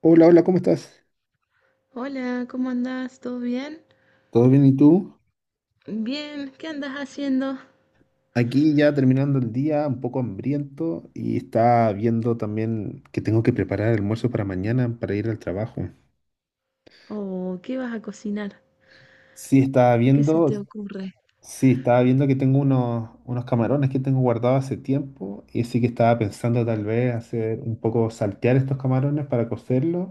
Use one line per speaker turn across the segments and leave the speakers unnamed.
Hola, hola, ¿cómo estás?
Hola, ¿cómo andás? ¿Todo bien?
¿Todo bien y tú?
Bien, ¿qué andas haciendo?
Aquí ya terminando el día, un poco hambriento y está viendo también que tengo que preparar el almuerzo para mañana para ir al trabajo.
Oh, ¿qué vas a cocinar?
Sí, estaba
¿Qué se
viendo,
te ocurre?
sí, estaba viendo que tengo unos camarones que tengo guardados hace tiempo y sí que estaba pensando tal vez hacer un poco saltear estos camarones para cocerlos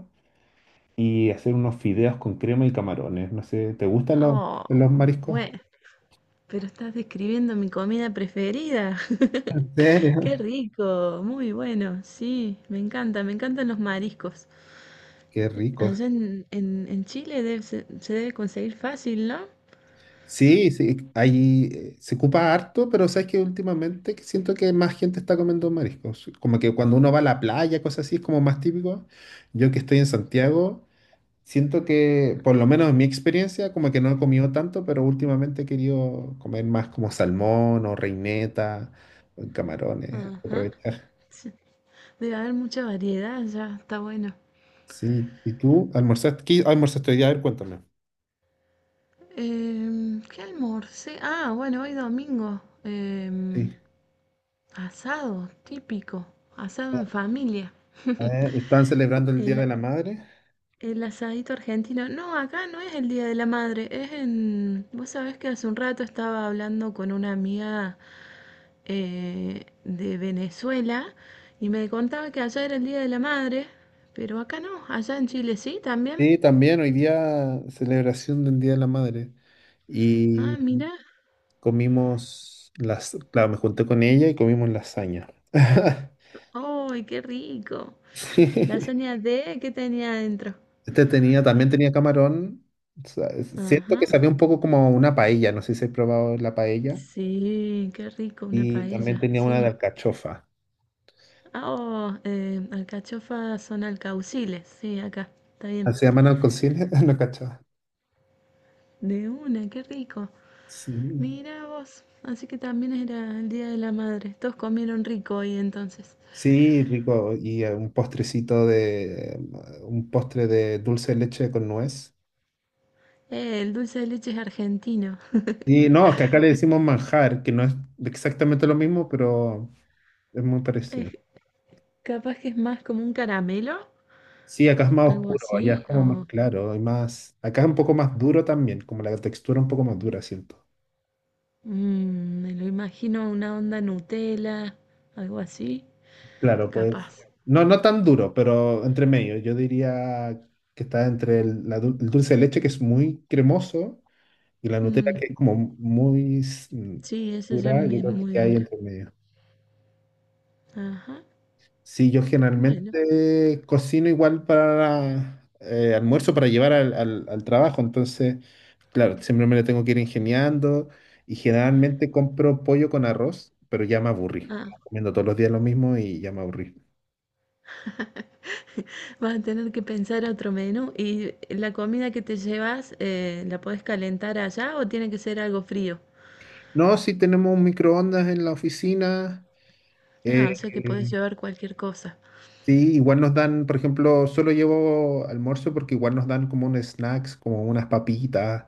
y hacer unos fideos con crema y camarones. No sé, ¿te gustan
Oh,
los mariscos?
bueno, pero estás describiendo mi comida preferida.
¿En serio?
Qué rico, muy bueno, sí, me encanta, me encantan los mariscos.
Qué rico.
Allá en Chile se debe conseguir fácil, ¿no?
Sí, sí, ahí se ocupa harto, pero sabes que últimamente que siento que más gente está comiendo mariscos. Como que cuando uno va a la playa, cosas así, es como más típico. Yo que estoy en Santiago, siento que, por lo menos en mi experiencia, como que no he comido tanto, pero últimamente he querido comer más como salmón o reineta, o camarones,
Ajá,
aprovechar.
sí. Debe haber mucha variedad, ya, está bueno.
Sí, ¿y tú almorzaste? ¿Qué almorzaste hoy día? A ver, cuéntame.
¿Qué almorcé? Ah, bueno, hoy domingo.
Sí.
Asado, típico, asado en familia.
¿Están celebrando el Día de
El,
la Madre?
el asadito argentino. No, acá no es el Día de la Madre, es en... Vos sabés que hace un rato estaba hablando con una amiga de Venezuela y me contaba que allá era el Día de la Madre, pero acá no, allá en Chile sí también.
Sí, también hoy día celebración del Día de la Madre. Y
Ah, mira,
comimos las, claro, me junté con ella y comimos lasaña.
¡ay, qué rico!
Sí.
Lasaña de, ¿qué tenía adentro?
Este tenía, también tenía camarón. O sea, siento
Ajá.
que sabía un poco como a una paella, no sé si he probado la paella.
Sí, qué rico, una
Y también
paella,
tenía una de
sí.
alcachofa.
Ah, oh, alcachofas son alcauciles, sí, acá, está bien.
¿Así llaman alcocines? No, alcachofa.
De una, qué rico.
Sí.
Mira vos, así que también era el Día de la Madre. Todos comieron rico hoy entonces.
Sí, rico. Y un postrecito de, un postre de dulce de leche con nuez.
El dulce de leche es argentino.
Y no, es que acá le decimos manjar, que no es exactamente lo mismo, pero es muy
Es,
parecido.
capaz que es más como un caramelo,
Sí, acá es más
algo
oscuro, allá es
así,
como más
o
claro, y más, acá es un poco más duro también, como la textura un poco más dura, siento.
mm, me lo imagino una onda Nutella, algo así,
Claro, pues,
capaz.
no, no tan duro, pero entre medio. Yo diría que está entre el, la dul- el dulce de leche, que es muy cremoso, y la Nutella,
Mm,
que es como muy s- mm,
sí, eso ya
dura, yo
me
creo
muy
que hay
dura.
entre medio.
Ajá,
Sí, yo
bueno,
generalmente cocino igual para almuerzo para llevar al, al- al trabajo, entonces, claro, siempre me lo tengo que ir ingeniando y generalmente compro pollo con arroz, pero ya me aburrí.
ah,
Estaba comiendo todos los días lo mismo y ya me aburrí.
vas a tener que pensar otro menú. ¿Y la comida que te llevas, la podés calentar allá o tiene que ser algo frío?
No, sí tenemos un microondas en la oficina.
Ah, o sea que
eh,
podés llevar cualquier cosa.
sí, igual nos dan, por ejemplo, solo llevo almuerzo porque igual nos dan como un snacks, como unas papitas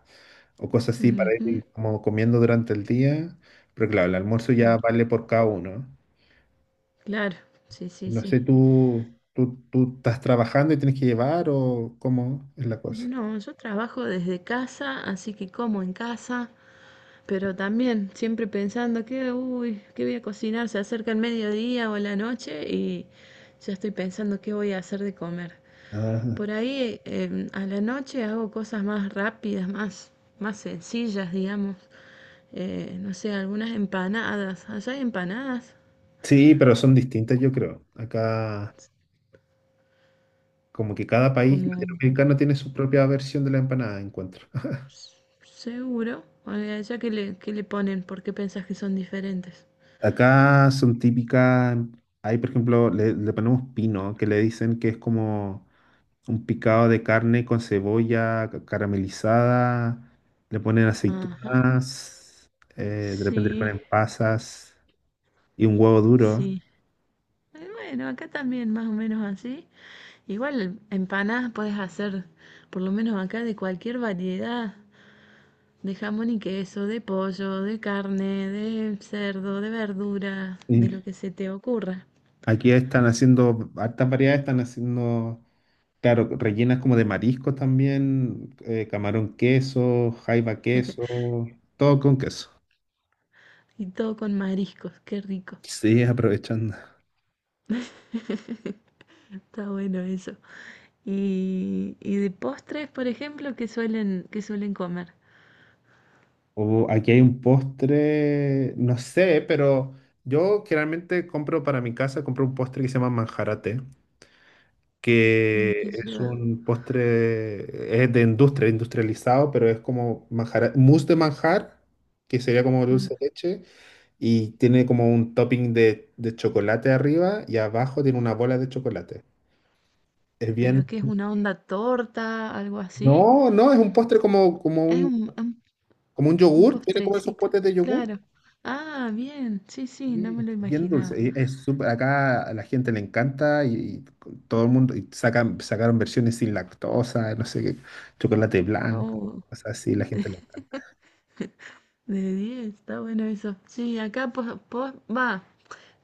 o cosas así para
Ujú,
ir como comiendo durante el día, pero claro, el almuerzo
claro,
ya vale por cada uno.
claro, sí, sí,
No
sí.
sé, ¿tú estás trabajando y tienes que llevar o cómo es la cosa?
No, yo trabajo desde casa, así que como en casa, pero también siempre pensando que, uy, ¿qué voy a cocinar? Se acerca el mediodía o la noche y ya estoy pensando qué voy a hacer de comer.
Ah,
Por ahí a la noche hago cosas más rápidas, más, más sencillas, digamos. No sé, algunas empanadas. Allá hay empanadas,
sí, pero son distintas, yo creo. Acá, como que cada país
como
latinoamericano tiene su propia versión de la empanada, encuentro.
seguro. Oye, allá que le ponen, ¿por qué pensás que son diferentes?
Acá son típicas, hay por ejemplo, le ponemos pino, que le dicen que es como un picado de carne con cebolla ca- caramelizada, le ponen
Ajá,
aceitunas, de repente le
sí,
ponen pasas y un huevo duro.
sí. Bueno, acá también más o menos así. Igual empanadas puedes hacer, por lo menos acá, de cualquier variedad, de jamón y queso, de pollo, de carne, de cerdo, de verdura, de
Y
lo que se te ocurra.
aquí están haciendo, hartas variedades están haciendo, claro, rellenas como de marisco también, camarón queso, jaiba queso, todo con queso.
Y todo con mariscos, qué rico.
Sí, aprovechando.
Está bueno eso. Y de postres, por ejemplo, que suelen comer?
O aquí hay un postre, no sé, pero yo generalmente compro para mi casa, compro un postre que se llama manjarate,
Mm,
que
¿qué
es
lleva?
un postre, es de industria, industrializado, pero es como manjar, mousse de manjar, que sería como
Mm,
dulce de leche, y tiene como un topping de chocolate arriba y abajo tiene una bola de chocolate. Es
¿pero
bien...
qué es una onda torta, algo así?
No, no, es un postre como,
Es un, un,
como un
un
yogur, tiene como esos
postrecito,
potes de yogur.
claro. Ah, bien, sí, sí, no
Sí,
me lo
es bien dulce,
imaginaba.
y es súper, acá a la gente le encanta y todo el mundo, y sacan, sacaron versiones sin lactosa, no sé qué, chocolate blanco,
Oh,
cosas así, la gente le encanta.
de 10 está bueno eso. Sí, acá po po va.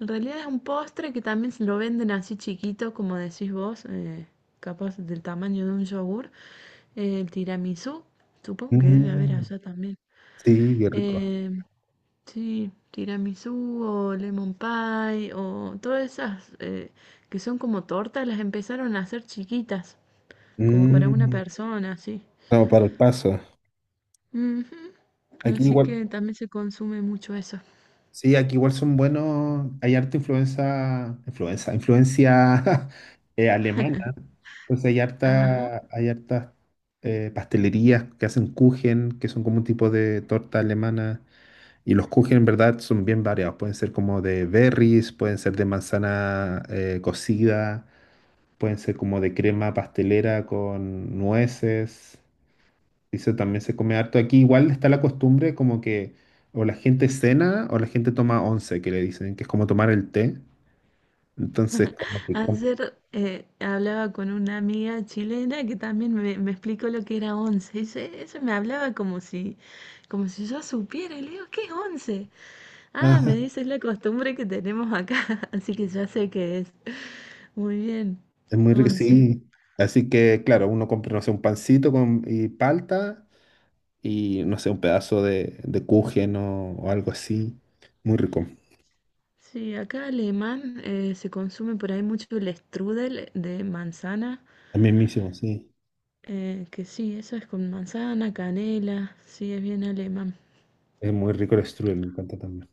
En realidad es un postre que también se lo venden así chiquito, como decís vos, capaz del tamaño de un yogur. El tiramisú, supongo que debe haber
Mm,
allá también.
sí, qué rico.
Eh, sí, tiramisú o lemon pie o todas esas que son como tortas, las empezaron a hacer chiquitas, como para una
Mm,
persona, así.
no, para el paso.
Ujú.
Aquí
Así
igual.
que también se consume mucho eso.
Sí, aquí igual son buenos, hay harta influencia, influenza, influencia alemana, entonces hay
Ajá.
harta, hay hartas pastelerías que hacen Kuchen, que son como un tipo de torta alemana. Y los kuchen en verdad son bien variados. Pueden ser como de berries, pueden ser de manzana cocida, pueden ser como de crema pastelera con nueces. Eso también se come harto. Aquí igual está la costumbre como que o la gente cena o la gente toma once, que le dicen, que es como tomar el té. Entonces, como que
Ayer hablaba con una amiga chilena que también me explicó lo que era once. Y ella me hablaba como si yo supiera. Y le digo, ¿qué es once? Ah,
ah,
me dice, es la costumbre que tenemos acá. Así que ya sé qué es. Muy bien,
es muy rico,
once.
sí. Así que, claro, uno compra, no sé, un pancito con, y palta y, no sé, un pedazo de kuchen o algo así. Muy rico.
Sí, acá alemán se consume por ahí mucho el strudel de manzana.
También mismo, sí.
Que sí, eso es con manzana, canela. Sí, es bien alemán.
Es muy rico el strudel, me encanta también.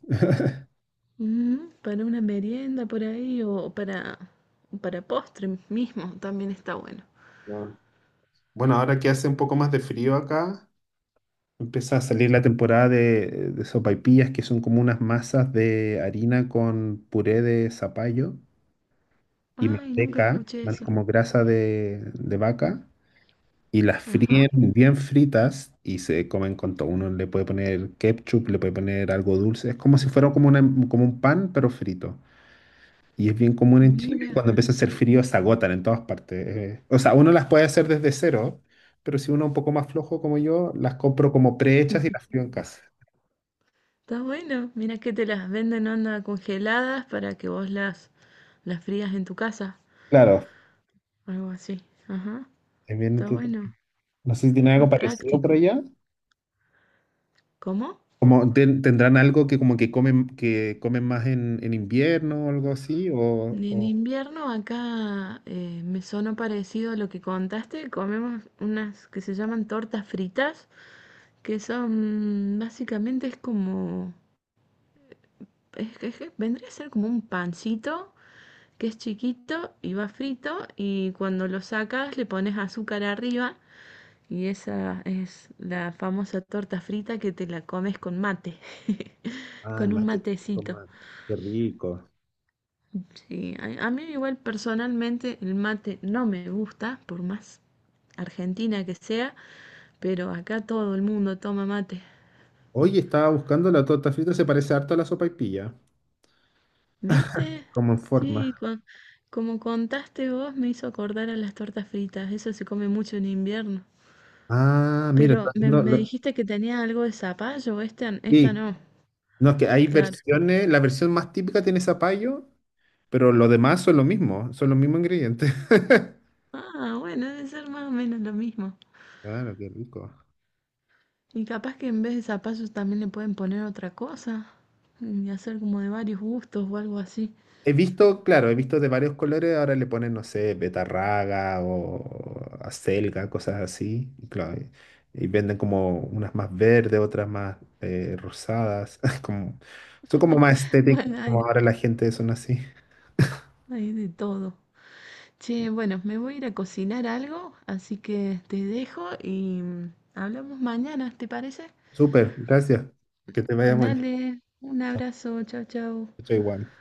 Ujú, para una merienda por ahí o para postre mismo también está bueno.
Ah. Bueno, ahora que hace un poco más de frío acá, empieza a salir la temporada de sopaipillas, que son como unas masas de harina con puré de zapallo y
Ay, nunca
manteca,
escuché
man-
eso.
como grasa de vaca, y las
Ajá,
fríen bien fritas y se comen con todo. Uno le puede poner ketchup, le puede poner algo dulce. Es como si fuera como, una- como un pan, pero frito. Y es bien común en Chile,
mira,
cuando empieza a hacer frío se agotan en todas partes. O sea, uno las puede hacer desde cero, pero si uno es un poco más flojo como yo, las compro como prehechas y las frío en casa.
está bueno. Mira que te las venden onda congeladas para que vos las frías en tu casa.
Claro,
Algo así. Ajá,
es bien
está
entrete-
bueno.
No sé si tienen algo
Más
parecido por
práctico.
allá.
¿Cómo?
Como ten- tendrán algo que como que comen más en invierno o algo así,
En
o-
invierno acá me sonó parecido a lo que contaste. Comemos unas que se llaman tortas fritas, que son básicamente es como es que vendría a ser como un pancito que es chiquito y va frito y cuando lo sacas le pones azúcar arriba y esa es la famosa torta frita que te la comes con mate,
ah, el
con un
mate típico,
matecito.
man. Qué rico.
Sí, a mí igual personalmente el mate no me gusta, por más argentina que sea, pero acá todo el mundo toma mate.
Oye, estaba buscando la torta frita, se parece harto a la sopaipilla,
¿Viste?
como en
Sí,
forma.
con- como contaste vos, me hizo acordar a las tortas fritas. Eso se come mucho en invierno.
Ah, mira, está
Pero
haciendo...
me
lo-
dijiste que tenía algo de zapallo, esta
sí,
no.
no, es que hay
Claro.
versiones, la versión más típica tiene zapallo, pero lo demás son lo mismo, son los mismos ingredientes.
Ah, bueno, debe ser más o menos lo mismo.
Claro, qué rico.
Y capaz que en vez de zapallos también le pueden poner otra cosa. Y hacer como de varios gustos o algo así.
He visto, claro, he visto de varios colores, ahora le ponen, no sé, betarraga o acelga, cosas así. Y, claro, y venden como unas más verdes, otras más rosadas. Como, son como más estéticas,
Bueno,
como
hay,
ahora la gente son así.
hay de todo. Che, bueno, me voy a ir a cocinar algo, así que te dejo y hablamos mañana, ¿te parece?
Súper, gracias. Que te vaya mañana.
Dale, un abrazo, chao, chao.
Estoy igual.